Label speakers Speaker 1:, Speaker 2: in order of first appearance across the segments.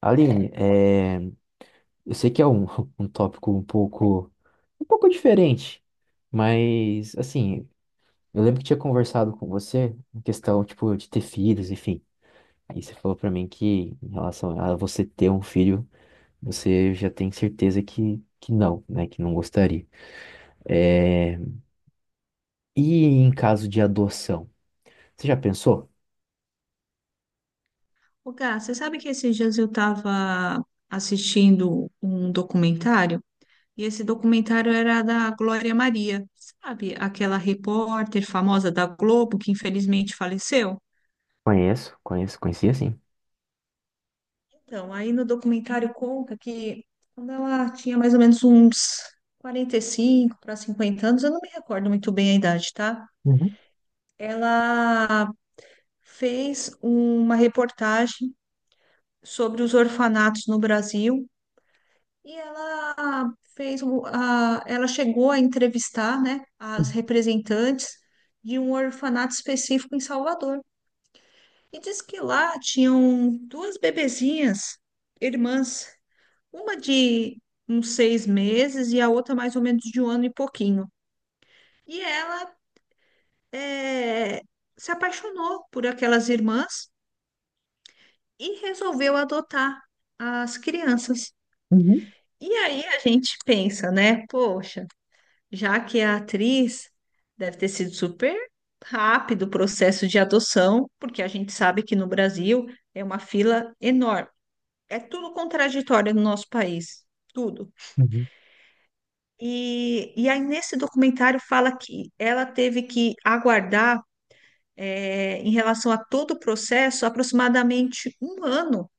Speaker 1: Aline, eu sei que é um tópico um pouco diferente, mas assim, eu lembro que tinha conversado com você em questão, tipo, de ter filhos, enfim. Aí você falou pra mim que em relação a você ter um filho, você já tem certeza que não, né? Que não gostaria. É, E em caso de adoção, você já pensou?
Speaker 2: Ô, Gá, você sabe que esses dias eu estava assistindo um documentário, e esse documentário era da Glória Maria, sabe? Aquela repórter famosa da Globo que infelizmente faleceu.
Speaker 1: Conheço, conheço, conhecia sim.
Speaker 2: Então, aí no documentário conta que quando ela tinha mais ou menos uns 45 para 50 anos, eu não me recordo muito bem a idade, tá?
Speaker 1: Uhum,
Speaker 2: Ela fez uma reportagem sobre os orfanatos no Brasil. E ela ela chegou a entrevistar, né, as
Speaker 1: uhum,
Speaker 2: representantes de um orfanato específico em Salvador. E disse que lá tinham duas bebezinhas, irmãs, uma de uns 6 meses e a outra mais ou menos de 1 ano e pouquinho. E ela eh, se apaixonou por aquelas irmãs e resolveu adotar as crianças.
Speaker 1: uhum.
Speaker 2: E aí a gente pensa, né, poxa, já que a atriz deve ter sido super rápido o processo de adoção, porque a gente sabe que no Brasil é uma fila enorme. É tudo contraditório no nosso país, tudo.
Speaker 1: Uhum.
Speaker 2: E aí, nesse documentário, fala que ela teve que aguardar, é, em relação a todo o processo, aproximadamente 1 ano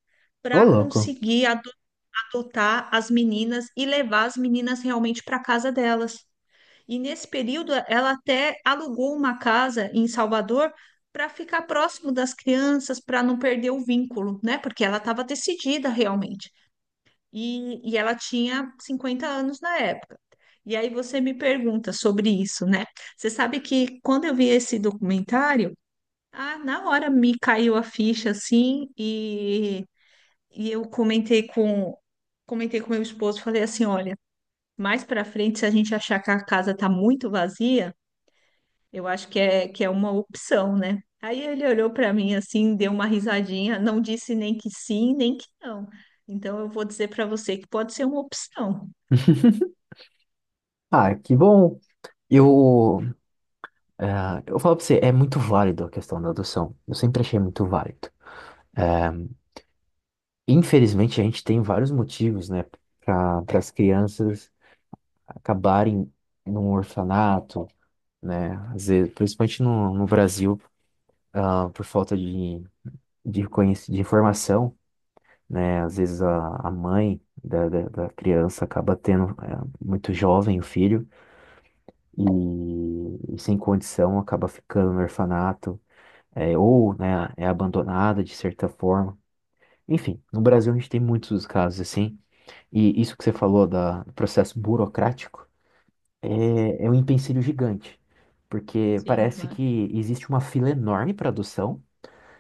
Speaker 1: Ô,
Speaker 2: para
Speaker 1: louco.
Speaker 2: conseguir adotar as meninas e levar as meninas realmente para casa delas. E nesse período, ela até alugou uma casa em Salvador para ficar próximo das crianças, para não perder o vínculo, né? Porque ela estava decidida realmente. E ela tinha 50 anos na época. E aí você me pergunta sobre isso, né? Você sabe que quando eu vi esse documentário, ah, na hora me caiu a ficha assim, e eu comentei com meu esposo, falei assim, olha, mais para frente, se a gente achar que a casa tá muito vazia, eu acho que é uma opção, né? Aí ele olhou para mim assim, deu uma risadinha, não disse nem que sim, nem que não. Então eu vou dizer para você que pode ser uma opção.
Speaker 1: Ah, que bom. Eu, eu falo pra você, é muito válido a questão da adoção. Eu sempre achei muito válido. É, Infelizmente, a gente tem vários motivos, né, para as crianças acabarem num orfanato, né, às vezes, principalmente no Brasil, por falta de de informação, né, às vezes a mãe da criança acaba tendo muito jovem o filho e, e sem condição acaba ficando no orfanato é, ou né, é abandonada de certa forma. Enfim, no Brasil a gente tem muitos casos assim, e isso que você falou do processo burocrático é um empecilho gigante, porque
Speaker 2: Sim,
Speaker 1: parece
Speaker 2: claro.
Speaker 1: que existe uma fila enorme para adoção,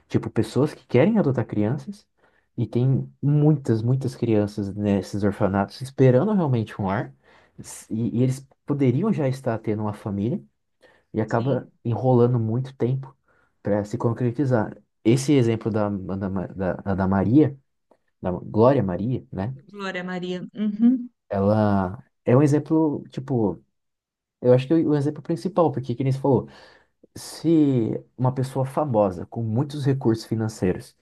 Speaker 1: tipo, pessoas que querem adotar crianças, e tem muitas, muitas crianças nesses orfanatos esperando realmente um lar, e eles poderiam já estar tendo uma família, e
Speaker 2: Sim.
Speaker 1: acaba enrolando muito tempo para se concretizar. Esse exemplo da, da, Ma- da, da Maria, da Glória Maria, né?
Speaker 2: Glória Maria. Uhum.
Speaker 1: Ela é um exemplo, tipo, eu acho que é o exemplo principal, porque, que nem você falou, se uma pessoa famosa com muitos recursos financeiros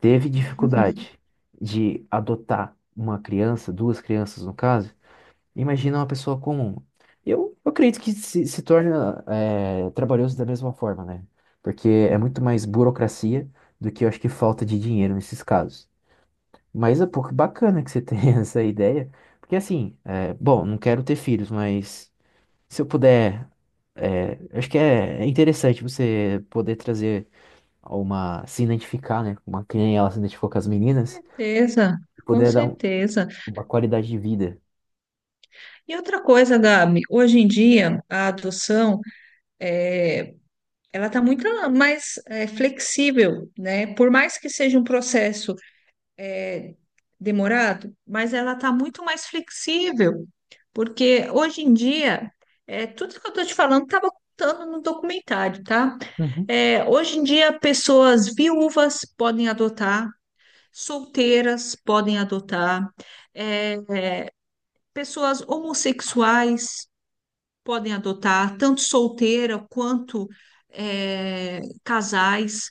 Speaker 1: teve dificuldade de adotar uma criança, duas crianças no caso, imagina uma pessoa comum. Eu acredito que se torna trabalhoso da mesma forma, né? Porque é muito mais burocracia do que eu acho que falta de dinheiro nesses casos. Mas é pouco bacana que você tenha essa ideia. Porque assim, bom, não quero ter filhos, mas se eu puder, acho que é interessante você poder trazer uma, se identificar, né? Uma criança, ela se identificou com as meninas,
Speaker 2: Certeza,
Speaker 1: e
Speaker 2: com
Speaker 1: poder dar
Speaker 2: certeza.
Speaker 1: uma qualidade de vida.
Speaker 2: E outra coisa, Gabi, hoje em dia a adoção é, ela está muito mais flexível, né? Por mais que seja um processo é, demorado, mas ela está muito mais flexível, porque hoje em dia, tudo que eu estou te falando estava contando no documentário, tá?
Speaker 1: Uhum,
Speaker 2: Hoje em dia, pessoas viúvas podem adotar, solteiras podem adotar, é, pessoas homossexuais podem adotar, tanto solteira quanto casais,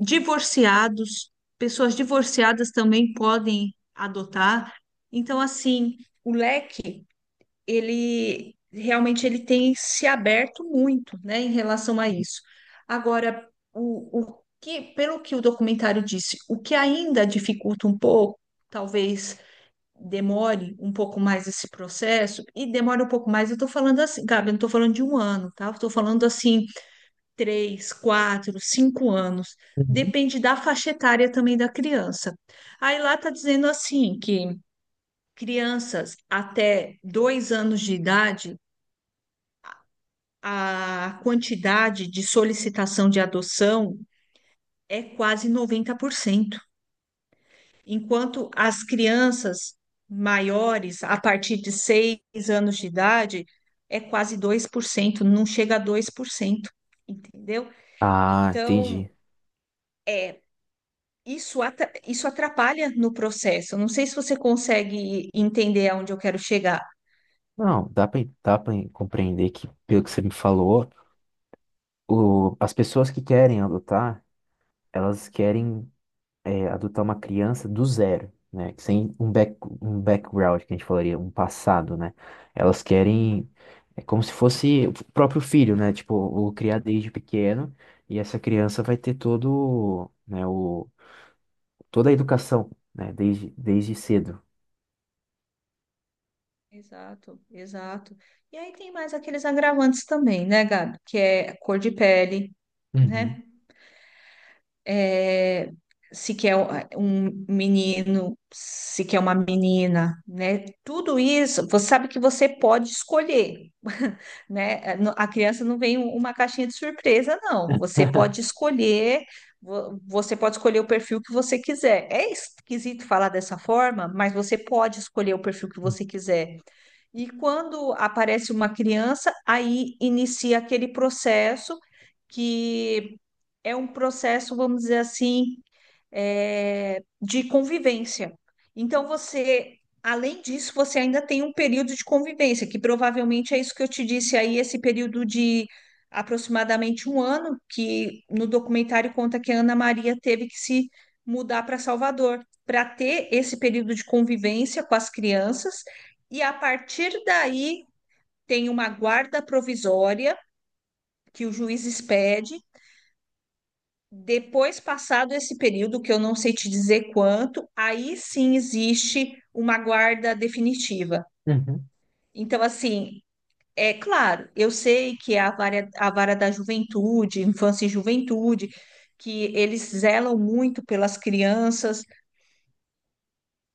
Speaker 2: divorciados, pessoas divorciadas também podem adotar. Então, assim, o leque, ele realmente ele tem se aberto muito, né, em relação a isso. Agora, o que, pelo que o documentário disse, o que ainda dificulta um pouco, talvez demore um pouco mais esse processo, e demore um pouco mais, eu estou falando assim, Gabi, eu não estou falando de um ano, tá? Eu estou falando assim, 3, 4, 5 anos.
Speaker 1: uhum.
Speaker 2: Depende da faixa etária também da criança. Aí lá está dizendo assim que crianças até 2 anos de idade, a quantidade de solicitação de adoção é quase 90%, enquanto as crianças maiores, a partir de 6 anos de idade, é quase 2%, não chega a 2%, entendeu?
Speaker 1: Ah,
Speaker 2: Então,
Speaker 1: entendi.
Speaker 2: é, isso atrapalha no processo. Não sei se você consegue entender aonde eu quero chegar.
Speaker 1: Não, dá pra compreender que, pelo que você me falou, as pessoas que querem adotar, elas querem adotar uma criança do zero, né? Sem um um background, que a gente falaria, um passado, né? Elas
Speaker 2: Sim,
Speaker 1: querem, é como se fosse o próprio filho, né? Tipo, o criar desde pequeno, e essa criança vai ter todo, né, toda a educação, né? Desde, desde cedo.
Speaker 2: exato, exato. E aí tem mais aqueles agravantes também, né, Gabi? Que é a cor de pele,
Speaker 1: Uhum.
Speaker 2: né? É, se quer um menino, se quer uma menina, né? Tudo isso, você sabe que você pode escolher, né? A criança não vem um, uma caixinha de surpresa, não. Você pode escolher, você pode escolher o perfil que você quiser. É esquisito falar dessa forma, mas você pode escolher o perfil que você quiser. E quando aparece uma criança, aí inicia aquele processo que é um processo, vamos dizer assim, é, de convivência. Então, você, além disso, você ainda tem um período de convivência, que provavelmente é isso que eu te disse aí, esse período de aproximadamente 1 ano, que no documentário conta que a Ana Maria teve que se mudar para Salvador, para ter esse período de convivência com as crianças, e a partir daí tem uma guarda provisória que o juiz expede depois passado esse período, que eu não sei te dizer quanto, aí sim existe uma guarda definitiva.
Speaker 1: Uhum.
Speaker 2: Então, assim, é claro, eu sei que é a vara da juventude, infância e juventude, que eles zelam muito pelas crianças,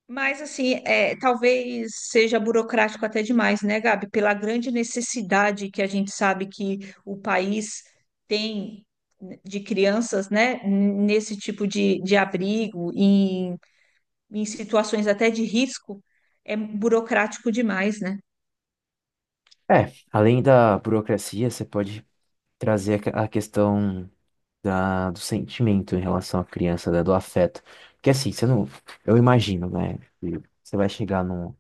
Speaker 2: mas, assim, é, talvez seja burocrático até demais, né, Gabi? Pela grande necessidade que a gente sabe que o país tem, né, de crianças, né, nesse tipo de abrigo, em, em situações até de risco, é burocrático demais, né?
Speaker 1: É, além da burocracia, você pode trazer a a questão da, do sentimento em relação à criança, né, do afeto. Porque assim, você não. Eu imagino, né? Que você vai chegar num.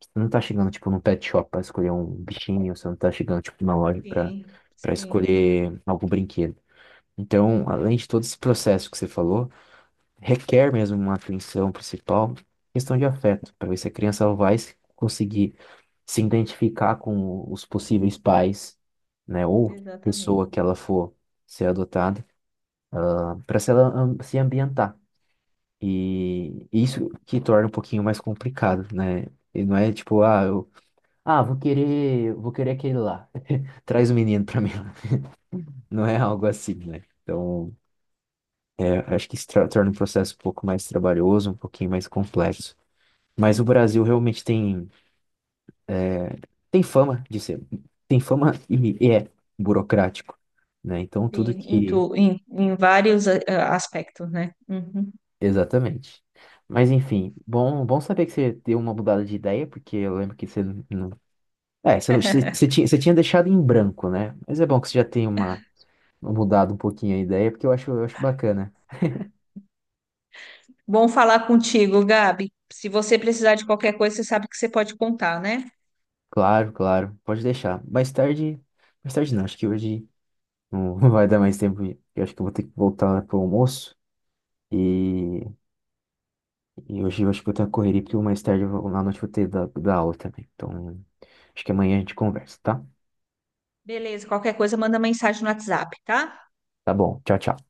Speaker 1: Você não tá chegando, tipo, num pet shop pra escolher um bichinho, você não tá chegando, tipo, numa loja pra,
Speaker 2: Sim,
Speaker 1: pra
Speaker 2: sim,
Speaker 1: escolher algum brinquedo. Então, além de todo esse processo que você falou, requer mesmo uma atenção principal, questão de afeto, pra ver se a criança vai conseguir se identificar com os possíveis pais, né, ou
Speaker 2: exatamente.
Speaker 1: pessoa que ela for ser adotada, para se ela se ambientar. E isso que torna um pouquinho mais complicado, né? E não é tipo, ah, vou querer aquele lá. Traz o menino para mim. Não é algo assim, né? Então, eu acho que isso torna o processo um pouco mais trabalhoso, um pouquinho mais complexo. Mas o Brasil realmente tem fama de ser, tem fama e é burocrático, né? Então tudo
Speaker 2: Sim, em,
Speaker 1: que,
Speaker 2: tu, em, em vários aspectos, né? Uhum.
Speaker 1: exatamente. Mas enfim, bom, bom saber que você deu uma mudada de ideia, porque eu lembro que você não, é, você, não- você, você tinha deixado em branco, né? Mas é bom que você já tem uma mudado um pouquinho a ideia, porque eu acho bacana.
Speaker 2: Bom falar contigo, Gabi. Se você precisar de qualquer coisa, você sabe que você pode contar, né?
Speaker 1: Claro, claro, pode deixar. Mais tarde não, acho que hoje não vai dar mais tempo. Eu acho que eu vou ter que voltar pro almoço e e hoje eu acho que vou estar correria, porque mais tarde eu vou, à noite eu vou ter da aula também. Então, acho que amanhã a gente conversa, tá?
Speaker 2: Beleza, qualquer coisa manda mensagem no WhatsApp, tá?
Speaker 1: Tá bom. Tchau, tchau.